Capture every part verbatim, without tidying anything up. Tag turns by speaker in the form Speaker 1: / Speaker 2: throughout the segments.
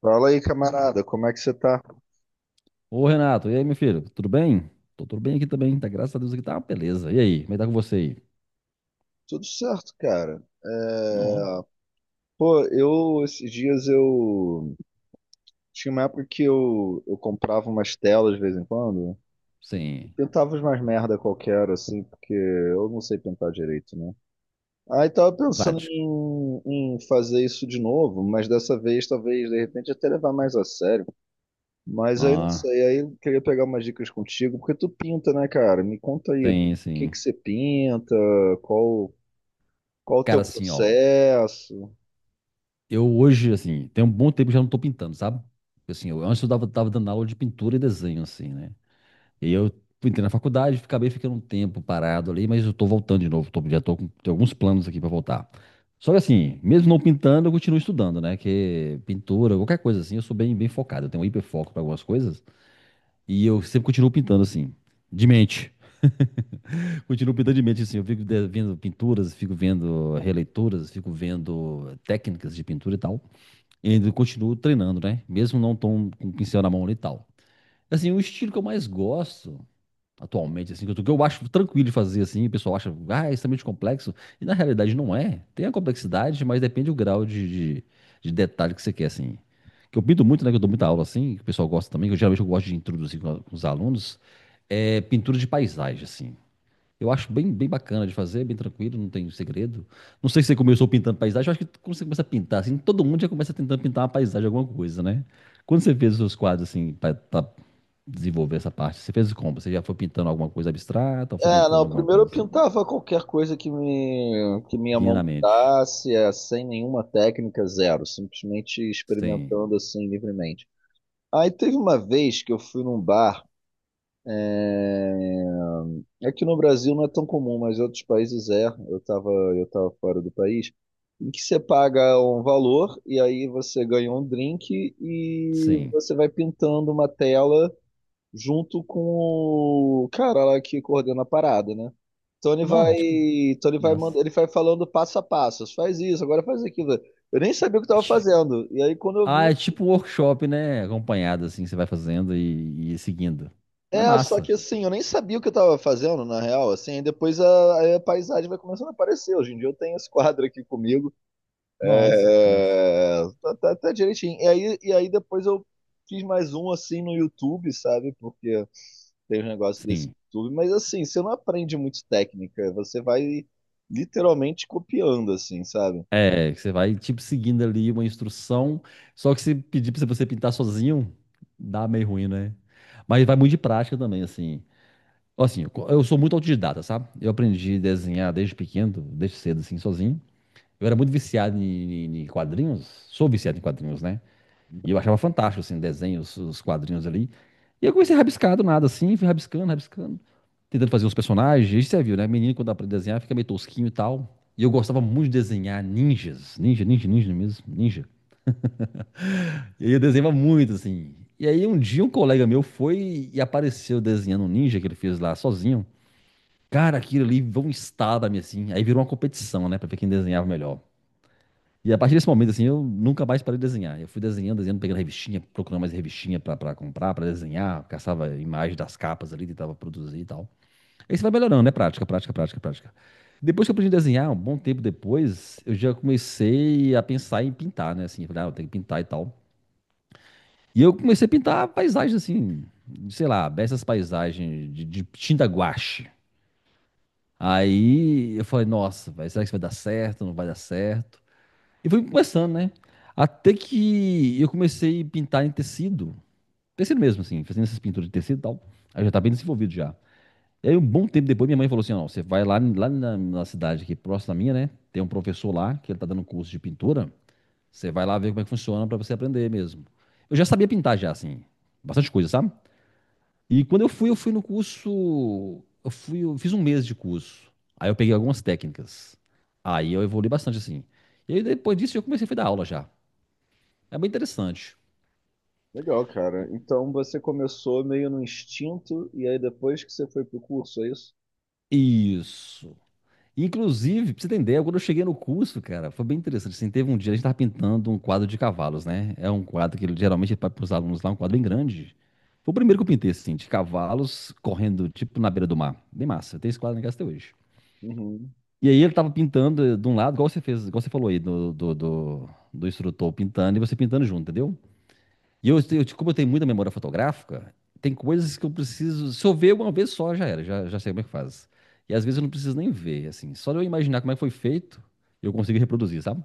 Speaker 1: Fala aí, camarada, como é que você tá?
Speaker 2: Ô, Renato, e aí, meu filho? Tudo bem? Tô tudo bem aqui também, tá? Graças a Deus aqui tá uma beleza. E aí, como é que tá com você aí?
Speaker 1: Tudo certo, cara.
Speaker 2: Ó,
Speaker 1: É, Pô, eu esses dias eu tinha uma época que eu, eu comprava umas telas de vez em quando,
Speaker 2: sim,
Speaker 1: pintava umas merda qualquer assim, porque eu não sei pintar direito, né? Aí tava pensando
Speaker 2: prático.
Speaker 1: em, em fazer isso de novo, mas dessa vez talvez de repente até levar mais a sério. Mas aí não
Speaker 2: Ah,
Speaker 1: sei, aí eu queria pegar umas dicas contigo, porque tu pinta, né, cara? Me conta aí, o
Speaker 2: tem,
Speaker 1: que
Speaker 2: sim.
Speaker 1: que você pinta? Qual Qual o teu
Speaker 2: Cara, assim, ó,
Speaker 1: processo?
Speaker 2: eu hoje, assim, tem um bom tempo que já não tô pintando, sabe? Assim, eu antes eu tava, tava dando aula de pintura e desenho, assim, né? E eu entrei na faculdade, acabei ficando um tempo parado ali, mas eu tô voltando de novo, tô, já tô com tenho alguns planos aqui pra voltar. Só que assim, mesmo não pintando, eu continuo estudando, né? Que pintura, qualquer coisa assim, eu sou bem, bem focado, eu tenho um hiperfoco pra algumas coisas. E eu sempre continuo pintando assim, de mente. Continuo pintando de mente assim. Eu fico de- vendo pinturas, fico vendo releituras, fico vendo técnicas de pintura e tal. E ainda continuo treinando, né? Mesmo não tão com o pincel na mão ali e tal. Assim, o estilo que eu mais gosto atualmente, assim, que eu, tô- que eu acho tranquilo de fazer, assim, o pessoal acha, ah, é extremamente complexo, e na realidade não é. Tem a complexidade, mas depende do grau de, de, de detalhe que você quer, assim. Que eu pinto muito, né, que eu dou muita aula, assim, que o pessoal gosta também, que eu, geralmente eu gosto de introduzir com, a- com os alunos, é pintura de paisagem, assim. Eu acho bem, bem bacana de fazer, bem tranquilo, não tem segredo. Não sei se você começou pintando paisagem, eu acho que quando você começa a pintar, assim, todo mundo já começa tentando pintar uma paisagem, alguma coisa, né? Quando você fez os seus quadros, assim, para desenvolver essa parte? Você fez como? Você já foi pintando alguma coisa abstrata ou foi
Speaker 1: É,
Speaker 2: pintando
Speaker 1: não,
Speaker 2: alguma
Speaker 1: primeiro eu
Speaker 2: coisa assim?
Speaker 1: pintava qualquer coisa que me que minha
Speaker 2: Vinha
Speaker 1: mão
Speaker 2: na mente.
Speaker 1: mandasse, é, sem nenhuma técnica, zero, simplesmente
Speaker 2: Sim,
Speaker 1: experimentando assim livremente. Aí teve uma vez que eu fui num bar, aqui no Brasil não é tão comum, mas em outros países é. Eu tava, eu tava fora do país, em que você paga um valor e aí você ganha um drink e
Speaker 2: sim.
Speaker 1: você vai pintando uma tela junto com o cara lá que coordena a parada, né? Tony vai,
Speaker 2: Nossa, tipo,
Speaker 1: Tony vai manda-
Speaker 2: mas.
Speaker 1: ele vai falando passo a passo, faz isso, agora faz aquilo. Eu nem sabia o que eu tava fazendo. E aí quando eu vi,
Speaker 2: Ah, é tipo um workshop, né? Acompanhado, assim, que você vai fazendo e, e seguindo. Mas é
Speaker 1: é, só que
Speaker 2: massa.
Speaker 1: assim, eu nem sabia o que eu tava fazendo, na real, assim, aí depois a, aí a paisagem vai começando a aparecer. Hoje em dia eu tenho esse quadro aqui comigo.
Speaker 2: Nossa, massa.
Speaker 1: É, tá, tá- tá direitinho. E aí, e aí depois eu fiz mais um assim no YouTube, sabe? Porque tem um negócio desse
Speaker 2: Sim.
Speaker 1: no YouTube, mas assim, você não aprende muito técnica, você vai literalmente copiando, assim, sabe?
Speaker 2: É, que você vai, tipo, seguindo ali uma instrução. Só que se pedir pra você pintar sozinho, dá meio ruim, né? Mas vai muito de prática também, assim. Assim, eu co- eu sou muito autodidata, sabe? Eu aprendi a desenhar desde pequeno, desde cedo, assim, sozinho. Eu era muito viciado em, em- em quadrinhos, sou viciado em quadrinhos, né? E eu achava fantástico, assim, desenhos, os os quadrinhos ali. E eu comecei a rabiscar do nada, assim, fui rabiscando, rabiscando, tentando fazer os personagens. E você viu, né? Menino, quando aprende a desenhar, fica meio tosquinho e tal. E eu gostava muito de desenhar ninjas, ninja, ninja, ninja mesmo, ninja. E aí eu desenhava muito, assim. E aí um dia um colega meu foi e apareceu desenhando um ninja que ele fez lá sozinho. Cara, aquilo ali virou um estado assim. Aí virou uma competição, né? Pra ver quem desenhava melhor. E a partir desse momento, assim, eu nunca mais parei de desenhar. Eu fui desenhando, desenhando, pegando revistinha, procurando mais revistinha pra, pra comprar, pra desenhar. Caçava imagens das capas ali, tentava produzir e tal. Aí você vai melhorando, né? Prática, prática, prática, prática. Depois que eu aprendi a desenhar, um bom tempo depois, eu já comecei a pensar em pintar, né? Assim, eu falei, ah, eu tenho que pintar e tal. E eu comecei a pintar paisagens assim, sei lá, essas paisagens de, de tinta guache. Aí eu falei, nossa, velho, será que isso vai dar certo? Não vai dar certo? E fui começando, né? Até que eu comecei a pintar em tecido. Tecido mesmo, assim, fazendo essas pinturas de tecido e tal. Aí já tá bem desenvolvido já. E aí, um bom tempo depois, minha mãe falou assim: não, você vai lá, lá na, na cidade aqui próxima da minha, né? Tem um professor lá que ele tá dando um curso de pintura. Você vai lá ver como é que funciona pra você aprender mesmo. Eu já sabia pintar já, assim, bastante coisa, sabe? E quando eu fui, eu fui no curso. Eu fui, eu fiz um mês de curso. Aí eu peguei algumas técnicas. Aí eu evolui bastante assim. E aí depois disso eu comecei a dar aula já. É bem interessante.
Speaker 1: Legal, cara. Então você começou meio no instinto e aí depois que você foi pro curso, é isso?
Speaker 2: Isso. Inclusive, pra você entender, quando eu cheguei no curso, cara, foi bem interessante. Assim, teve um dia, a gente tava pintando um quadro de cavalos, né? É um quadro que ele geralmente para os alunos lá, um quadro bem grande. Foi o primeiro que eu pintei, assim, de cavalos correndo, tipo, na beira do mar. Bem massa. Tem esse quadro na casa até hoje.
Speaker 1: Uhum.
Speaker 2: E aí ele tava pintando eh, de um lado, igual você fez, igual você falou aí do, do, do, do instrutor pintando e você pintando junto, entendeu? E eu, eu, como eu tenho muita memória fotográfica, tem coisas que eu preciso. Se eu ver uma vez só, já era, já, já sei como é que faz. E às vezes eu não preciso nem ver, assim, só de eu imaginar como é que foi feito, eu consigo reproduzir, sabe?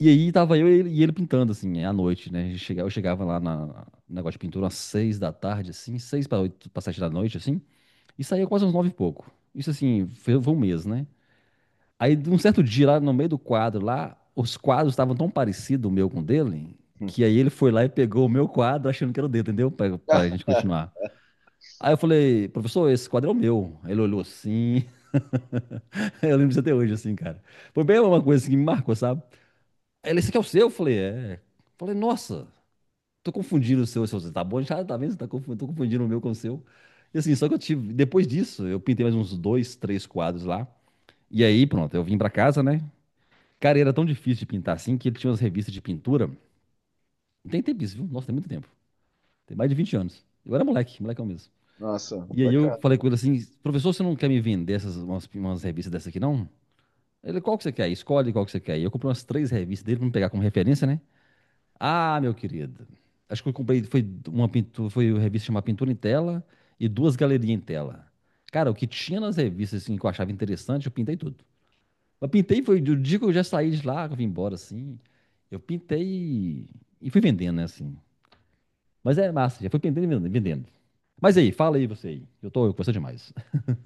Speaker 2: E aí tava eu e ele, e ele pintando, assim, é, à noite, né? A gente chega- Eu chegava lá na, no negócio de pintura às seis da tarde, assim, seis para oito, para sete da noite, assim, e saía quase às nove e pouco. Isso, assim, foi, foi um mês, né? Aí, de um certo dia, lá no meio do quadro, lá, os quadros estavam tão parecidos, o meu com o dele, que aí ele foi lá e pegou o meu quadro, achando que era o dele, entendeu? Pra, pra gente continuar. Aí eu falei, professor, esse quadro é o meu. Ele olhou assim, eu lembro disso até hoje, assim, cara. Foi bem uma coisa assim, que me marcou, sabe? Aí ele, esse aqui é o seu? Eu falei, é. Falei, nossa, tô confundindo o seu, o seu. Tá bom, já tá vendo? Você tá confundindo, tô confundindo o meu com o seu. E assim, só que eu tive, depois disso, eu pintei mais uns dois, três quadros lá. E aí, pronto, eu vim pra casa, né? Cara, era tão difícil de pintar assim que ele tinha umas revistas de pintura. Tem tempo isso, viu? Nossa, tem muito tempo. Tem mais de vinte anos. Eu era moleque, molecão mesmo.
Speaker 1: Nossa,
Speaker 2: E aí eu
Speaker 1: bacana.
Speaker 2: falei com ele assim, professor, você não quer me vender essas, umas, umas revistas dessa aqui, não? Ele, qual que você quer? Escolhe qual que você quer. E eu comprei umas três revistas dele pra me pegar como referência, né? Ah, meu querido. Acho que eu comprei, foi uma pintura, foi uma revista chamada Pintura em Tela e duas galerias em tela. Cara, o que tinha nas revistas assim, que eu achava interessante, eu pintei tudo. Eu pintei, foi do dia que eu já saí de lá, que eu vim embora, assim. Eu pintei e, e fui vendendo, né, assim. Mas é massa, já fui pintando e vendendo. vendendo. Mas aí, fala aí você aí. Eu tô conversando demais.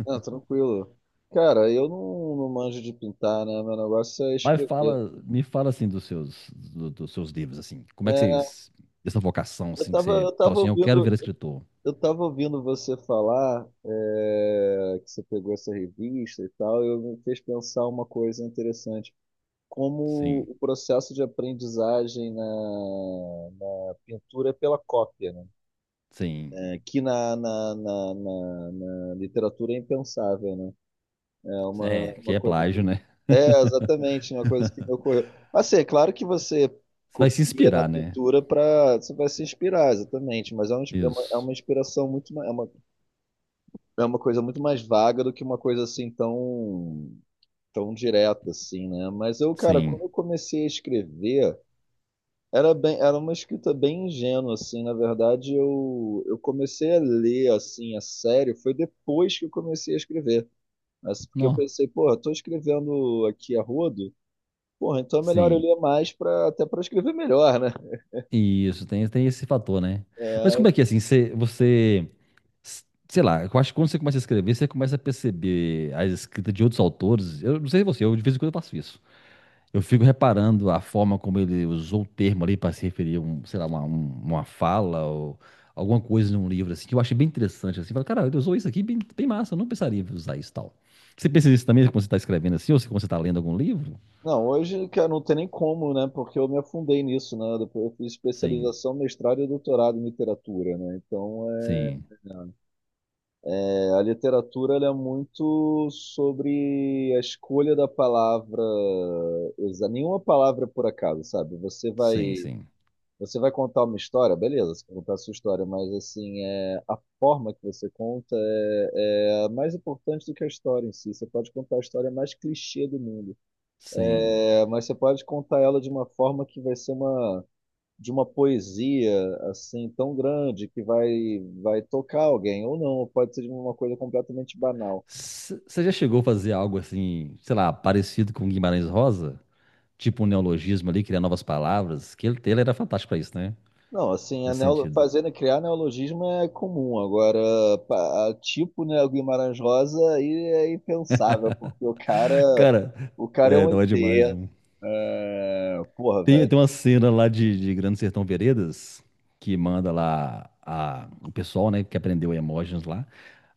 Speaker 1: Não, tranquilo. Cara, eu não, não manjo de pintar, né? Meu negócio é
Speaker 2: Mas
Speaker 1: escrever.
Speaker 2: fala, me fala assim dos seus, do- dos seus livros, assim. Como é que
Speaker 1: É,
Speaker 2: vocês. Essa vocação,
Speaker 1: eu
Speaker 2: assim, que
Speaker 1: tava,
Speaker 2: você
Speaker 1: eu
Speaker 2: fala
Speaker 1: tava
Speaker 2: assim, eu quero
Speaker 1: ouvindo
Speaker 2: virar escritor.
Speaker 1: Eu estava ouvindo você falar é, que você pegou essa revista e tal, e eu me fez pensar uma coisa interessante. Como
Speaker 2: Sim,
Speaker 1: o processo de aprendizagem na, na pintura é pela cópia, né?
Speaker 2: sim.
Speaker 1: É, que na, na, na, na- na literatura é impensável, né? É uma,
Speaker 2: É, que
Speaker 1: uma
Speaker 2: é
Speaker 1: coisa que...
Speaker 2: plágio, né?
Speaker 1: É, exatamente, uma coisa que me ocorreu. Assim, é claro que você
Speaker 2: Você vai se
Speaker 1: copia na
Speaker 2: inspirar, né?
Speaker 1: pintura para... Você vai se inspirar, exatamente, mas é uma, é uma, é
Speaker 2: Isso.
Speaker 1: uma inspiração muito... ma- É uma, é uma coisa muito mais vaga do que uma coisa assim tão tão direta assim, né? Mas eu, cara,
Speaker 2: Sim.
Speaker 1: quando eu comecei a escrever, era bem, era uma escrita bem ingênua assim, na verdade, eu eu comecei a ler assim a sério foi depois que eu comecei a escrever. Mas porque eu
Speaker 2: Não.
Speaker 1: pensei, porra, tô escrevendo aqui a rodo, porra, então é melhor eu
Speaker 2: Sim.
Speaker 1: ler mais para até para escrever melhor, né?
Speaker 2: Isso, tem, tem esse fator, né? Mas
Speaker 1: É,
Speaker 2: como é que assim, você, você, s- sei lá, eu acho que quando você começa a escrever, você começa a perceber as escritas de outros autores. Eu não sei você, eu de vez em quando eu faço isso. Eu fico reparando a forma como ele usou o termo ali para se referir a um, sei lá, uma, um- uma fala ou alguma coisa num livro assim, que eu achei bem interessante assim. Falo, cara, ele usou isso aqui bem, bem massa, eu não pensaria em usar isso e tal. Você pensa nisso também quando você está escrevendo assim, ou se- quando você está lendo algum livro?
Speaker 1: Não, hoje, cara, não tem nem como, né? Porque eu me afundei nisso, né? Depois eu fiz
Speaker 2: Sim,
Speaker 1: especialização, mestrado e doutorado em literatura, né? Então, é,
Speaker 2: sim,
Speaker 1: é, a literatura ela é muito sobre a escolha da palavra, exa- nenhuma palavra é por acaso, sabe? Você
Speaker 2: sim,
Speaker 1: vai,
Speaker 2: sim,
Speaker 1: você vai contar uma história, beleza, você vai contar a sua história, mas assim, é, a forma que você conta é, é a mais importante do que a história em si. Você pode contar a história mais clichê do mundo.
Speaker 2: sim.
Speaker 1: É, mas você pode contar ela de uma forma que vai ser uma de uma poesia assim tão grande que vai vai tocar alguém ou não, pode ser de uma coisa completamente banal.
Speaker 2: Você já chegou a fazer algo assim, sei lá, parecido com Guimarães Rosa? Tipo um neologismo ali, criar novas palavras? Que ele, ele era fantástico pra isso, né?
Speaker 1: Não, assim, a
Speaker 2: Nesse
Speaker 1: neolo-
Speaker 2: sentido.
Speaker 1: fazendo criar neologismo é comum. Agora, pa- a tipo, né, o Guimarães Rosa aí é impensável, porque o cara
Speaker 2: Cara,
Speaker 1: o cara é
Speaker 2: é,
Speaker 1: um
Speaker 2: não é demais
Speaker 1: E T.
Speaker 2: um.
Speaker 1: É, porra,
Speaker 2: Tem,
Speaker 1: velho.
Speaker 2: tem uma cena lá de, de Grande Sertão Veredas, que manda lá a- o pessoal, né, que aprendeu emojis lá.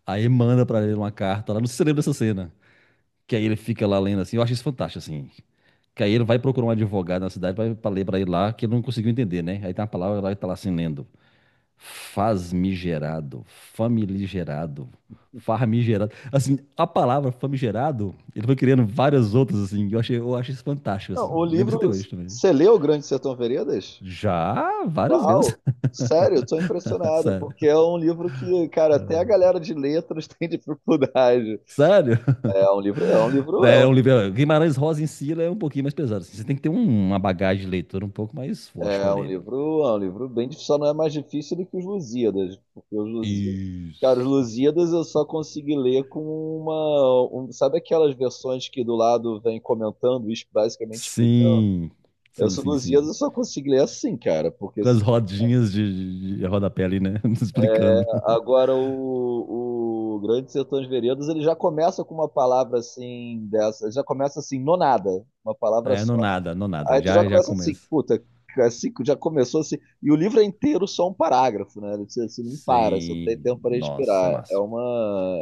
Speaker 2: Aí manda pra ele uma carta lá, não se lembra dessa cena. Que aí ele fica lá lendo assim, eu acho isso fantástico, assim. Que aí ele vai procurar um advogado na cidade pra, pra ler pra ele lá, que ele não conseguiu entender, né? Aí tem uma palavra lá que tá lá assim lendo. Fasmigerado, familigerado, farmigerado. Assim, a palavra famigerado, ele foi criando várias outras, assim. Eu achei, eu achei isso fantástico,
Speaker 1: Não,
Speaker 2: assim.
Speaker 1: o
Speaker 2: Eu lembro isso
Speaker 1: livro,
Speaker 2: até hoje também.
Speaker 1: você leu O Grande Sertão Veredas?
Speaker 2: Já várias vezes,
Speaker 1: Uau! Sério, eu tô impressionado, porque
Speaker 2: sério.
Speaker 1: é um livro que, cara, até a galera de letras tem dificuldade.
Speaker 2: Sério?
Speaker 1: É um livro, é um livro, é
Speaker 2: É um
Speaker 1: um,
Speaker 2: livro. É, Guimarães Rosa em si, ele é um pouquinho mais pesado, assim. Você tem que ter um- uma bagagem de leitura um pouco mais forte para
Speaker 1: é um
Speaker 2: ler.
Speaker 1: livro, é um livro bem difícil, só não é mais difícil do que os Lusíadas, porque os Lusíadas, cara, os
Speaker 2: Isso.
Speaker 1: Lusíadas eu só consegui ler com uma, um- sabe aquelas versões que do lado vem comentando, isso basicamente explicando.
Speaker 2: Sim,
Speaker 1: Eu
Speaker 2: sim,
Speaker 1: sou
Speaker 2: sim,
Speaker 1: Lusíadas,
Speaker 2: sim.
Speaker 1: eu só consegui ler assim, cara, porque
Speaker 2: Com as rodinhas de, de, de rodapé ali, né? Explicando.
Speaker 1: Agora, o, o Grande Sertão de Veredas, ele já começa com uma palavra assim, dessa, já começa assim, no nada, uma palavra
Speaker 2: É,
Speaker 1: só.
Speaker 2: no nada, no nada.
Speaker 1: Aí tu já
Speaker 2: Já, já
Speaker 1: começa assim,
Speaker 2: começa.
Speaker 1: puta, é assim, já começou assim, e o livro é inteiro só um parágrafo, né? Você, você não para, só tem
Speaker 2: Sem.
Speaker 1: tempo para
Speaker 2: Nossa, é
Speaker 1: respirar. É
Speaker 2: massa.
Speaker 1: uma,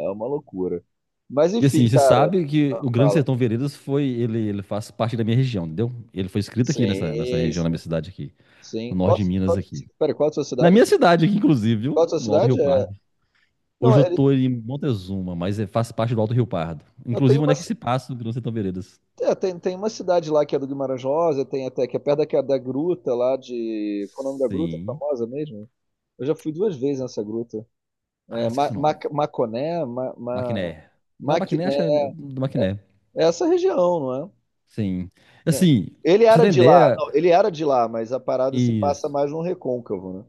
Speaker 1: é uma loucura. Mas
Speaker 2: E
Speaker 1: enfim,
Speaker 2: assim, você
Speaker 1: cara,
Speaker 2: sabe que o Grande
Speaker 1: fala.
Speaker 2: Sertão Veredas foi. Ele, ele faz parte da minha região, entendeu? Ele foi escrito aqui nessa, nessa
Speaker 1: Sim,
Speaker 2: região, na
Speaker 1: sim.
Speaker 2: minha cidade aqui.
Speaker 1: Sim.
Speaker 2: No norte
Speaker 1: Qual,
Speaker 2: de Minas
Speaker 1: qual,
Speaker 2: aqui.
Speaker 1: pera, qual a sua
Speaker 2: Na
Speaker 1: cidade?
Speaker 2: minha cidade aqui, inclusive,
Speaker 1: Qual
Speaker 2: viu?
Speaker 1: a sua
Speaker 2: No Alto Rio
Speaker 1: cidade? É,
Speaker 2: Pardo.
Speaker 1: não,
Speaker 2: Hoje eu
Speaker 1: ele,
Speaker 2: tô em Montezuma, mas é- faz parte do Alto Rio Pardo.
Speaker 1: não, tem
Speaker 2: Inclusive, onde
Speaker 1: uma
Speaker 2: é que se passa o Grande Sertão Veredas?
Speaker 1: É, tem, tem uma cidade lá que é do Guimarães Rosa, tem até que é perto da, da gruta lá de. Qual é o nome da gruta?
Speaker 2: Sim.
Speaker 1: Famosa mesmo? Eu já fui duas vezes nessa gruta.
Speaker 2: Ah,
Speaker 1: É,
Speaker 2: esqueci
Speaker 1: Ma,
Speaker 2: o nome.
Speaker 1: Ma, Maconé, Ma, Ma,
Speaker 2: Maquiné. Na Maquiné, acho que é
Speaker 1: Maquiné.
Speaker 2: do Maquiné.
Speaker 1: É essa região, não
Speaker 2: Sim.
Speaker 1: é? É.
Speaker 2: Assim,
Speaker 1: Ele
Speaker 2: pra você
Speaker 1: era de lá,
Speaker 2: entender,
Speaker 1: não, ele era de lá, mas a parada se passa
Speaker 2: isso.
Speaker 1: mais no Recôncavo, né?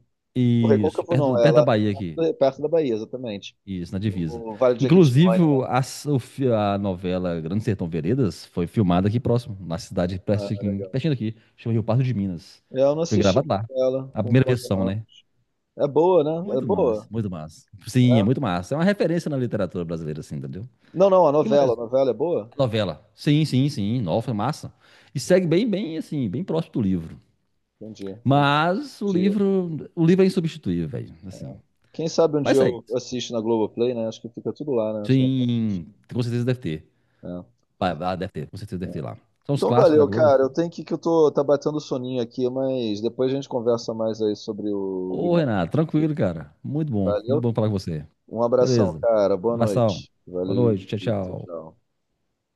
Speaker 1: O
Speaker 2: Isso,
Speaker 1: Recôncavo não,
Speaker 2: perto, perto da
Speaker 1: ela
Speaker 2: Bahia aqui.
Speaker 1: é perto da Bahia, exatamente.
Speaker 2: Isso, na divisa.
Speaker 1: No Vale de Jequitinhonha,
Speaker 2: Inclusive, o- a, s- o fi- a novela Grande Sertão Veredas foi filmada aqui próximo, na cidade
Speaker 1: ah,
Speaker 2: perto aqui-
Speaker 1: legal.
Speaker 2: pertinho daqui, chama Rio Pardo de Minas.
Speaker 1: Eu não
Speaker 2: Foi
Speaker 1: assisti
Speaker 2: gravado lá.
Speaker 1: ela,
Speaker 2: A
Speaker 1: com
Speaker 2: primeira
Speaker 1: conta
Speaker 2: versão,
Speaker 1: não.
Speaker 2: né?
Speaker 1: É boa, né? É
Speaker 2: Muito massa,
Speaker 1: boa.
Speaker 2: muito massa. Sim, é muito massa. É uma referência na literatura brasileira, assim, entendeu?
Speaker 1: Não, não, a novela. A
Speaker 2: Guimarães,
Speaker 1: novela é boa?
Speaker 2: a novela. Sim, sim, sim. Nova, massa. E segue bem, bem, assim, bem próximo do livro.
Speaker 1: Entendi, entendi.
Speaker 2: Mas o
Speaker 1: Entendi.
Speaker 2: livro, o livro é insubstituível, velho. Assim.
Speaker 1: Quem sabe um dia
Speaker 2: Mas é
Speaker 1: eu
Speaker 2: isso.
Speaker 1: assisto na Globoplay, né? Acho que fica tudo lá, né?
Speaker 2: Sim, com certeza deve ter.
Speaker 1: É.
Speaker 2: Pa- Ah, deve ter, com certeza deve ter lá. São os
Speaker 1: Então
Speaker 2: clássicos da
Speaker 1: valeu,
Speaker 2: Globo,
Speaker 1: cara.
Speaker 2: assim.
Speaker 1: Eu tenho que que eu tô tá batendo soninho aqui, mas depois a gente conversa mais aí sobre o
Speaker 2: Ô,
Speaker 1: Guimarães.
Speaker 2: Renato, tranquilo, cara. Muito bom, muito bom falar com você.
Speaker 1: Um abração,
Speaker 2: Beleza.
Speaker 1: cara. Boa
Speaker 2: Abração.
Speaker 1: noite.
Speaker 2: Boa noite.
Speaker 1: Valeu.
Speaker 2: Tchau,
Speaker 1: Tchau,
Speaker 2: tchau.
Speaker 1: tchau.